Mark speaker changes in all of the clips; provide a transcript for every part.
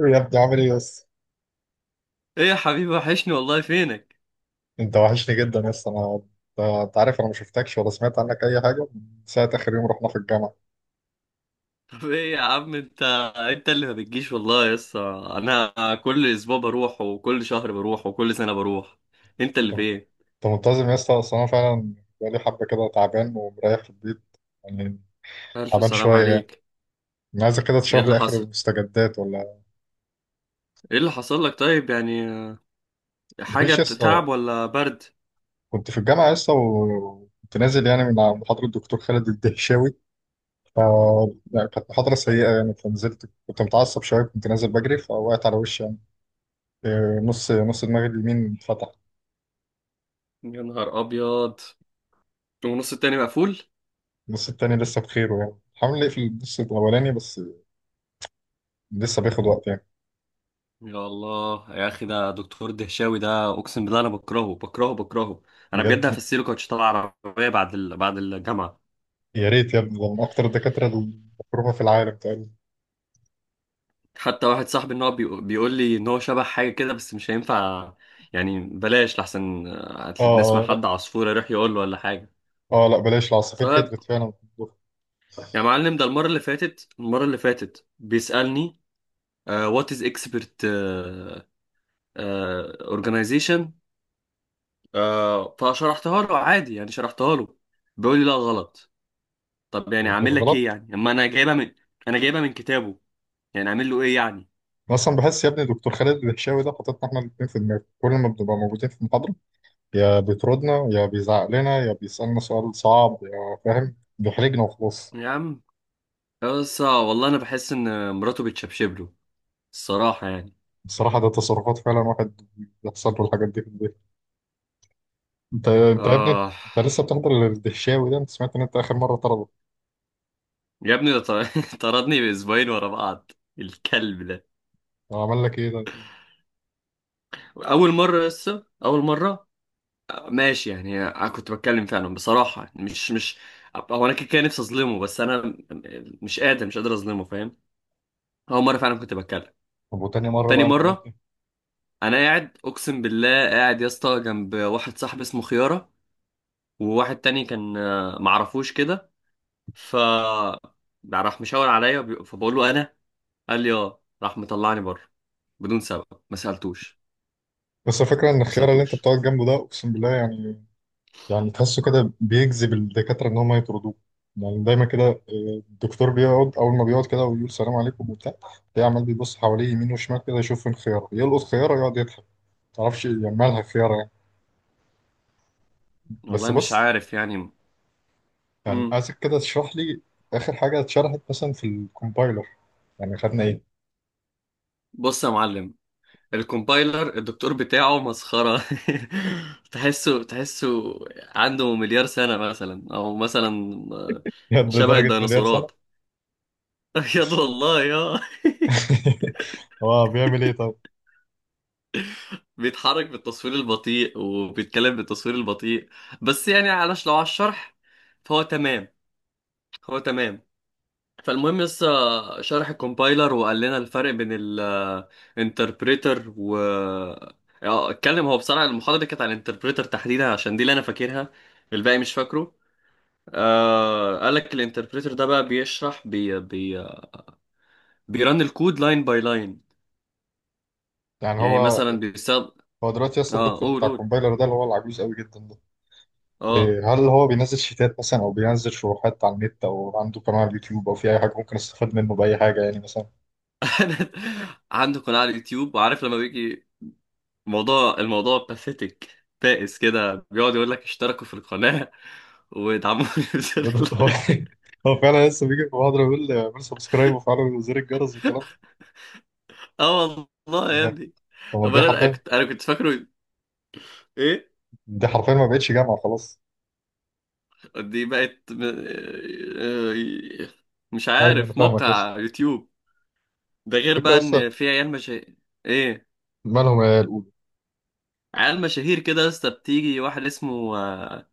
Speaker 1: يا ابني، عامل ايه يس؟
Speaker 2: ايه يا حبيبي، وحشني والله، فينك؟
Speaker 1: انت وحشني جدا يس. انا انت أنت عارف انا ما شفتكش ولا سمعت عنك اي حاجه من ساعه اخر يوم رحنا في الجامعه.
Speaker 2: طب ايه يا عم انت؟ انت اللي ما بتجيش والله يا اسطى. انا كل اسبوع بروح وكل شهر بروح وكل سنه بروح. انت
Speaker 1: انت
Speaker 2: اللي
Speaker 1: انت
Speaker 2: فين؟
Speaker 1: منتظم يس؟ اصل انا فعلا بقالي حبه كده تعبان ومريح في البيت يعني،
Speaker 2: الف
Speaker 1: تعبان
Speaker 2: سلام
Speaker 1: شويه يعني.
Speaker 2: عليك.
Speaker 1: انا عايزك كده
Speaker 2: ايه
Speaker 1: تشرح
Speaker 2: اللي
Speaker 1: لي اخر
Speaker 2: حصل؟
Speaker 1: المستجدات ولا؟
Speaker 2: ايه اللي حصل لك طيب يعني؟ حاجه
Speaker 1: مفيش يس.
Speaker 2: تعب ولا برد؟
Speaker 1: كنت في الجامعه يس، وكنت نازل يعني من على محاضره الدكتور خالد الدهشاوي. ف يعني كانت محاضره سيئه يعني، فنزلت كنت متعصب شويه، كنت نازل بجري فوقعت على وشي يعني. نص نص دماغي اليمين اتفتح.
Speaker 2: يا نهار ابيض. ونص التاني مقفول؟
Speaker 1: النص التاني لسه بخيره يعني، حاول نقفل النص الأولاني بس لسه بياخد وقت يعني.
Speaker 2: يا الله يا اخي، ده دكتور دهشاوي ده اقسم بالله انا بكرهه بكرهه بكرهه. انا
Speaker 1: بجد؟
Speaker 2: بجد هفسيله كوتش طلع عربيه بعد بعد الجامعه.
Speaker 1: يا ريت يا ابني، ده من أكتر الدكاترة المكروهة في العالم تقريبا.
Speaker 2: حتى واحد صاحبي ان هو بيقول لي ان هو شبه حاجه كده بس مش هينفع. يعني بلاش لحسن
Speaker 1: اه،
Speaker 2: نسمع
Speaker 1: اه، لا.
Speaker 2: حد عصفور يروح يقول له ولا حاجه.
Speaker 1: اه، لا، بلاش، العصافير
Speaker 2: طيب
Speaker 1: كترت فعلا في الدفعة.
Speaker 2: يا معلم، ده المره اللي فاتت، المره اللي فاتت بيسالني: وات از اكسبرت اورجانيزيشن؟ فشرحتها له عادي، يعني شرحتها له. بيقول لي لا غلط. طب يعني
Speaker 1: يعني كانت
Speaker 2: اعمل لك ايه
Speaker 1: غلط.
Speaker 2: يعني؟ اما انا جايبها من، انا جايبها من كتابه. يعني اعمل له ايه يعني؟
Speaker 1: أنا أصلا بحس يا ابني دكتور خالد الهشاوي ده حاططنا احنا الاتنين في دماغه، كل ما بنبقى موجودين في المحاضرة يا بيطردنا يا بيزعق لنا يا بيسألنا سؤال صعب يا فاهم بيحرجنا وخلاص.
Speaker 2: يا عم، بس والله انا بحس ان مراته بتشبشب له الصراحة يعني.
Speaker 1: بصراحة ده تصرفات فعلا واحد بيحصل له الحاجات دي في البيت. انت يا ابني،
Speaker 2: آه.
Speaker 1: انت لسه بتحضر الدهشاوي ده؟ انت سمعت ان انت اخر مره طرده؟
Speaker 2: يا ابني ده طردني بأسبوعين ورا بعض، الكلب ده.
Speaker 1: هو عمل لك ايه ده؟
Speaker 2: أول مرة، لسه أول مرة. ماشي يعني، أنا كنت بتكلم فعلا بصراحة، يعني مش. هو أنا كده كده نفسي أظلمه، بس أنا مش قادر، مش قادر أظلمه، فاهم؟ أول مرة فعلا كنت بتكلم.
Speaker 1: طب وتاني مرة
Speaker 2: تاني
Speaker 1: بقى انت عملت
Speaker 2: مرة،
Speaker 1: ايه؟
Speaker 2: أنا قاعد أقسم بالله، قاعد يا اسطى جنب واحد صاحبي اسمه خيارة، وواحد تاني كان معرفوش كده. ف راح مشاور عليا، فبقول له انا. قال لي اه، راح مطلعني بره بدون سبب، ما سالتوش.
Speaker 1: بس الفكره ان
Speaker 2: ما
Speaker 1: الخيار اللي انت
Speaker 2: سالتوش
Speaker 1: بتقعد جنبه ده، اقسم بالله يعني، يعني تحسه كده بيجذب الدكاتره ان هم يطردوه. يعني دايما كده. اه، الدكتور بيقعد اول ما بيقعد كده ويقول سلام عليكم وبتاع، تلاقيه عمال بيبص حواليه يمين وشمال كده يشوف فين خياره، يلقط خياره يقعد يضحك. معرفش يعني مالها خياره يعني. بس
Speaker 2: والله، مش
Speaker 1: بص،
Speaker 2: عارف يعني.
Speaker 1: يعني
Speaker 2: امم
Speaker 1: عايزك كده تشرح لي اخر حاجه اتشرحت مثلا في الكومبايلر، يعني خدنا ايه؟
Speaker 2: بص يا معلم، الكومبايلر الدكتور بتاعه مسخره. تحسه تحسه عنده مليار سنه مثلا، او مثلا آه،
Speaker 1: يد
Speaker 2: شبه
Speaker 1: لدرجه مليار
Speaker 2: الديناصورات.
Speaker 1: سنه.
Speaker 2: بجد والله يا
Speaker 1: هو بيعمل ايه طب؟
Speaker 2: بيتحرك بالتصوير البطيء وبيتكلم بالتصوير البطيء، بس يعني علش لو على الشرح فهو تمام، هو تمام. فالمهم، لسه شرح الكومبايلر وقال لنا الفرق بين الانتربريتر و اتكلم. هو بصراحة المحاضرة دي كانت عن الانتربريتر تحديدا، عشان دي اللي انا فاكرها، الباقي مش فاكره. آه قال لك الانتربريتر ده بقى بيشرح بي بيرن الكود لاين باي لاين.
Speaker 1: يعني
Speaker 2: يعني
Speaker 1: هو،
Speaker 2: مثلا بيستخدم،
Speaker 1: هو دلوقتي اصلا
Speaker 2: اه
Speaker 1: الدكتور
Speaker 2: قول
Speaker 1: بتاع
Speaker 2: قول.
Speaker 1: الكومبايلر ده اللي هو العجوز قوي جدا ده،
Speaker 2: اه.
Speaker 1: هل هو بينزل شيتات مثلا او بينزل شروحات على النت او عنده قناة على اليوتيوب او في اي حاجه ممكن استفاد منه باي حاجه يعني مثلا؟
Speaker 2: عنده قناة على اليوتيوب، وعارف لما بيجي موضوع الموضوع باثيتك بائس كده بيقعد يقول لك اشتركوا في القناة وادعموني. بزر
Speaker 1: هو
Speaker 2: اللايك.
Speaker 1: هو فعلا لسه بيجي في محاضره يقول اعمل سبسكرايب وفعلا زر الجرس والكلام ده
Speaker 2: اه والله يا
Speaker 1: يعني.
Speaker 2: ابني.
Speaker 1: طب ما دي
Speaker 2: امال أنا
Speaker 1: حرفيا،
Speaker 2: كنت، انا كنت فاكره ايه؟
Speaker 1: دي حرفيا ما بقتش جامعه خلاص.
Speaker 2: دي بقت آه، مش
Speaker 1: ايوه انا
Speaker 2: عارف،
Speaker 1: فاهمك. لسه
Speaker 2: موقع يوتيوب. ده غير
Speaker 1: فكرة.
Speaker 2: بقى ان
Speaker 1: لسه
Speaker 2: في عيال مشاهير. ايه؟
Speaker 1: مالهم يا الأولى،
Speaker 2: عيال مشاهير كده يا اسطى، بتيجي واحد اسمه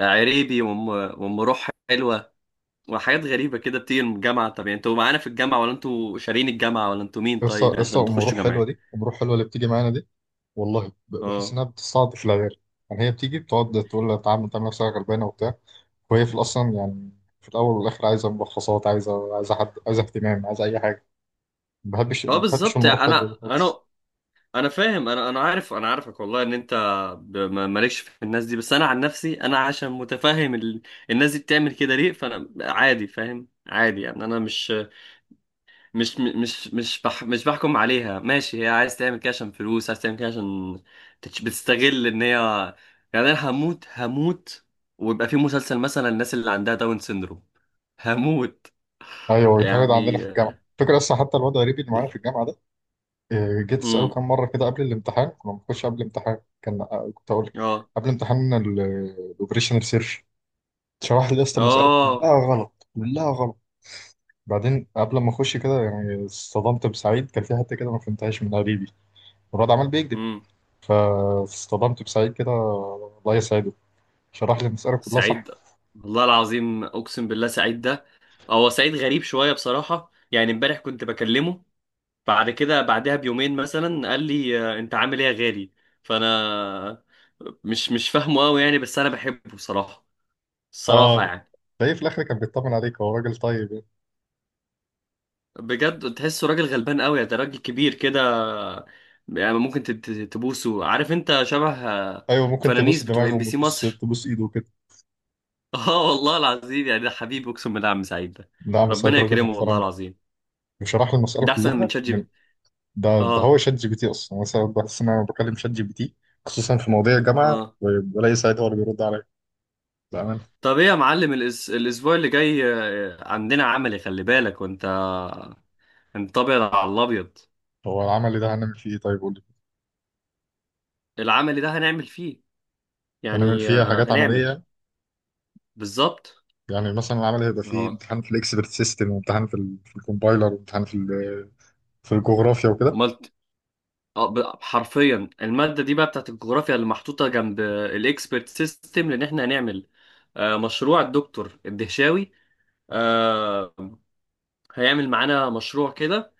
Speaker 2: عريبي، وام وام روح حلوه، وحاجات غريبه كده بتيجي من الجامعه. طب يعني انتوا معانا في الجامعه، ولا انتوا شارين الجامعه، ولا انتوا مين طيب
Speaker 1: لسه لسه
Speaker 2: عشان
Speaker 1: أم روح
Speaker 2: تخشوا
Speaker 1: حلوة
Speaker 2: جامعه؟
Speaker 1: دي، أم روح حلوة اللي بتيجي معانا دي والله، بحس
Speaker 2: اه
Speaker 1: انها بتستعطف العيال يعني. هي بتيجي بتقعد تقول لها تعالى، تعمل نفسها غلبانه وبتاع، وهي في الاصلا يعني في الاول والاخر عايزه ملخصات، عايزه، عايزه حد، عايزه اهتمام، عايزه اي حاجه. ما بحبش
Speaker 2: اه،
Speaker 1: ما بحبش
Speaker 2: بالظبط.
Speaker 1: المروح حلوه
Speaker 2: انا
Speaker 1: دي خالص.
Speaker 2: انا انا فاهم، انا عارف، انا عارفك والله ان انت مالكش في الناس دي. بس انا عن نفسي، انا عشان متفهم الناس دي بتعمل كده ليه، فانا عادي فاهم عادي، يعني انا مش بحكم عليها. ماشي، هي عايز تعمل كده عشان فلوس، عايز تعمل كده عشان بتستغل ان هي يعني. انا هموت، هموت ويبقى في مسلسل مثلا الناس اللي عندها داون سيندروم، هموت
Speaker 1: ايوه بيتعرض عندنا
Speaker 2: يعني.
Speaker 1: في الجامعه فكرة اصلا. حتى الواد غريبي اللي معانا في الجامعه ده، جيت اساله
Speaker 2: امم
Speaker 1: كام مره كده قبل الامتحان، كنا بنخش قبل الامتحان كان، كنت اقول لك
Speaker 2: اه.
Speaker 1: قبل امتحان الاوبريشنال سيرش شرح لي يا اسطى المساله
Speaker 2: اه.
Speaker 1: كلها غلط، كلها غلط. بعدين قبل ما اخش كده يعني اصطدمت بسعيد، كان في حته كده ما فهمتهاش من قريبي مراد عمال بيكذب،
Speaker 2: امم.
Speaker 1: فاصطدمت بسعيد كده الله يسعده شرح لي المساله كلها صح.
Speaker 2: سعيد، والله العظيم اقسم بالله سعيد ده، هو سعيد غريب شويه بصراحه، يعني امبارح كنت بكلمه، بعد كده بعدها بيومين مثلا قال لي انت عامل ايه يا غالي؟ فانا مش فاهمه قوي يعني، بس انا بحبه بصراحه، الصراحه
Speaker 1: اه
Speaker 2: يعني.
Speaker 1: تلاقيه في الاخر كان بيطمن عليك، هو راجل طيب يعني.
Speaker 2: بجد تحسه راجل غلبان قوي، ده راجل كبير كده يعني، ممكن تبوسه. عارف انت شبه
Speaker 1: ايوه، ممكن تبص
Speaker 2: فنانيس بتوع ام بي
Speaker 1: دماغهم
Speaker 2: سي
Speaker 1: وتبص
Speaker 2: مصر.
Speaker 1: تبص ايده وكده.
Speaker 2: اه والله العظيم، يعني ده حبيبي اقسم بالله عم سعيد ده،
Speaker 1: نعم سعيد
Speaker 2: ربنا
Speaker 1: راجل
Speaker 2: يكرمه والله
Speaker 1: محترم،
Speaker 2: العظيم.
Speaker 1: وشرح لي المساله
Speaker 2: ده احسن من
Speaker 1: كلها
Speaker 2: شات جي بي
Speaker 1: من.
Speaker 2: تي.
Speaker 1: ده هو
Speaker 2: اه.
Speaker 1: شات جي بي تي اصلا، مثلا بحس ان انا بكلم شات جي بي تي، خصوصا في مواضيع الجامعه،
Speaker 2: اه.
Speaker 1: وبلاقي سعيد هو اللي بيرد عليا بامانه.
Speaker 2: طب ايه يا معلم، الاسبوع اللي جاي عندنا عملي، خلي بالك. وانت انت ابيض على الابيض.
Speaker 1: هو العمل ده هنعمل فيه ايه طيب؟ قول لي.
Speaker 2: العملي ده هنعمل فيه،
Speaker 1: هنعمل
Speaker 2: يعني
Speaker 1: فيه حاجات
Speaker 2: هنعمل،
Speaker 1: عمليه،
Speaker 2: بالظبط.
Speaker 1: يعني مثلا العمل هيبقى فيه
Speaker 2: اه
Speaker 1: امتحان في الاكسبرت سيستم، وامتحان في ال في الكومبايلر، وامتحان في ال في الجغرافيا وكده.
Speaker 2: ملت. حرفيا المادة دي بقى بتاعت الجغرافيا، اللي محطوطة جنب الاكسبرت سيستم، لان احنا هنعمل مشروع الدكتور الدهشاوي. آه، هيعمل معانا مشروع كده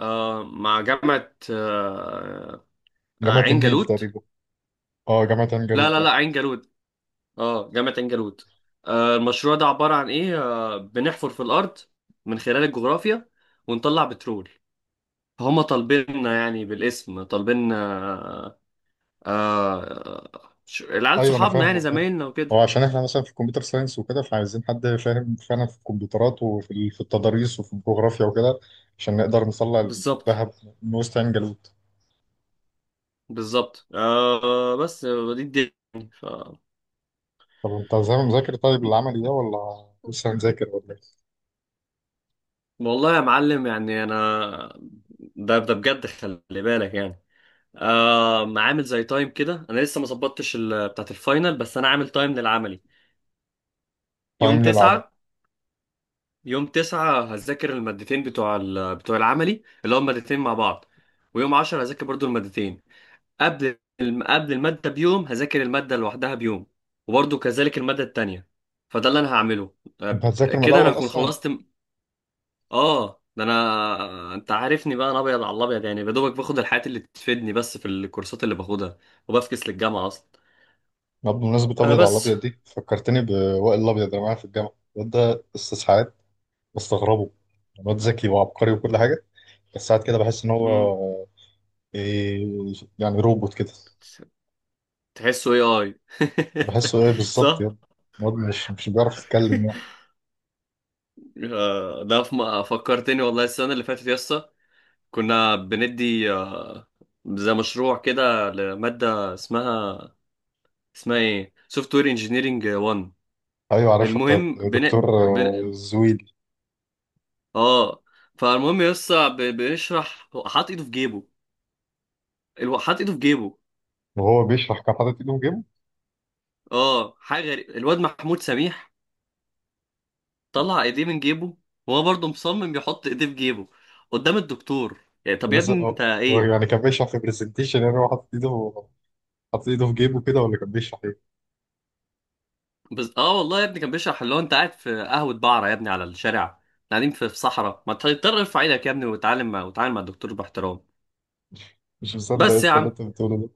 Speaker 2: مع جامعة
Speaker 1: جامعة
Speaker 2: عين
Speaker 1: النيل
Speaker 2: جالوت.
Speaker 1: تقريبا. اه جامعة عين
Speaker 2: لا
Speaker 1: جالوت
Speaker 2: لا
Speaker 1: اه.
Speaker 2: لا عين جالوت، اه جامعة عين جالوت. آه المشروع ده عبارة عن ايه؟ آه بنحفر في الأرض من خلال الجغرافيا، ونطلع بترول. فهم طالبيننا يعني، بالاسم طالبيننا آه العيال
Speaker 1: ايوه انا
Speaker 2: صحابنا
Speaker 1: فاهم،
Speaker 2: يعني
Speaker 1: أنا فاهم.
Speaker 2: زمايلنا
Speaker 1: هو
Speaker 2: وكده.
Speaker 1: عشان احنا مثلا في الكمبيوتر ساينس وكده، فعايزين حد فاهم فعلا في الكمبيوترات وفي في التضاريس وفي الجغرافيا وكده عشان نقدر نطلع
Speaker 2: بالظبط،
Speaker 1: الذهب من وسط عين جالوت.
Speaker 2: بالظبط. آه بس آه، دي الدنيا ف...
Speaker 1: طب انت زي ما مذاكر طيب العملي ده ولا لسه هنذاكر ولا ايه؟
Speaker 2: والله يا معلم يعني انا، ده ده بجد خلي بالك يعني. آه عامل زي تايم كده، انا لسه ما ظبطتش بتاعت الفاينل، بس انا عامل تايم للعملي. يوم
Speaker 1: تايم للعمل.
Speaker 2: تسعة، يوم تسعة هذاكر المادتين بتوع بتوع العملي اللي هم مادتين مع بعض، ويوم عشرة هذاكر برضو المادتين. قبل المادة بيوم هذاكر المادة لوحدها بيوم، وبرضو كذلك المادة التانية. فده اللي أنا هعمله.
Speaker 1: انت هتذاكر من
Speaker 2: كده أنا
Speaker 1: الاول
Speaker 2: هكون
Speaker 1: اصلا؟
Speaker 2: خلصت ده. أنا أنت عارفني بقى، أنا أبيض على الأبيض يعني. يا دوبك باخد الحاجات اللي تفيدني بس في الكورسات اللي باخدها، وبفكس للجامعة أصلا.
Speaker 1: طب بمناسبة
Speaker 2: آه
Speaker 1: أبيض على
Speaker 2: بس
Speaker 1: الأبيض دي، فكرتني بوائل الأبيض اللي معايا في الجامعة. الواد ده أستاذ ساعات، بستغربه. الواد ذكي وعبقري وكل حاجة، بس ساعات كده بحس إن
Speaker 2: مم.
Speaker 1: هو إيه، يعني روبوت كده.
Speaker 2: تحسه إيه آي
Speaker 1: بحسه إيه بالظبط
Speaker 2: صح؟
Speaker 1: يا، الواد مش بيعرف يتكلم يعني.
Speaker 2: ده في فكرتني والله السنة اللي فاتت يسطا، كنا بندي زي مشروع كده لمادة اسمها، اسمها ايه، سوفت وير انجينيرنج 1.
Speaker 1: أيوة عارفها، بتاعت
Speaker 2: المهم بن...
Speaker 1: دكتور
Speaker 2: بن...
Speaker 1: زويل.
Speaker 2: اه فالمهم يسطا بنشرح حاط ايده في جيبه حاط ايده في جيبه.
Speaker 1: وهو بيشرح كان حاطط إيده في جيبه.
Speaker 2: اه حاجة غريبة، الواد محمود سميح طلع ايديه من جيبه، وهو برضه مصمم يحط ايديه في جيبه قدام الدكتور. يعني طب يا
Speaker 1: يس-
Speaker 2: ابني انت
Speaker 1: آه، هو
Speaker 2: ايه؟
Speaker 1: يعني كان بيشرح في برزنتيشن، يعني هو حاطط إيده في جيبه كده، ولا كان بيشرح إيه؟
Speaker 2: بس اه والله يا ابني كان بيشرح اللي هو انت قاعد في قهوة بعرة يا ابني على الشارع. إحنا قاعدين في صحراء، ما تضطر ارفع ايدك يا ابني وتعلم مع الدكتور باحترام.
Speaker 1: مش مصدق يا
Speaker 2: بس يا
Speaker 1: أستاذ اللي
Speaker 2: عم،
Speaker 1: أنت بتقوله ده.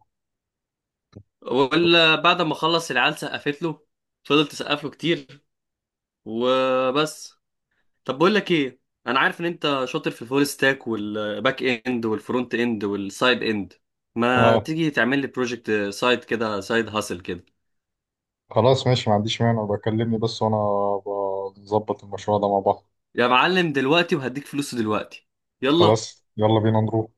Speaker 2: ولا بعد ما خلص العيال سقفت له، فضلت تسقف له كتير وبس. طب بقول لك ايه، انا عارف ان انت شاطر في الفول ستاك والباك اند والفرونت اند والسايد اند، ما
Speaker 1: آه.
Speaker 2: تيجي تعمل لي بروجكت سايد كده، سايد هاسل كده.
Speaker 1: خلاص ماشي، ما عنديش مانع، بكلمني بس وانا بظبط المشروع ده مع بعض.
Speaker 2: يا معلم دلوقتي، وهديك فلوسه دلوقتي. يلا.
Speaker 1: خلاص يلا بينا نروح.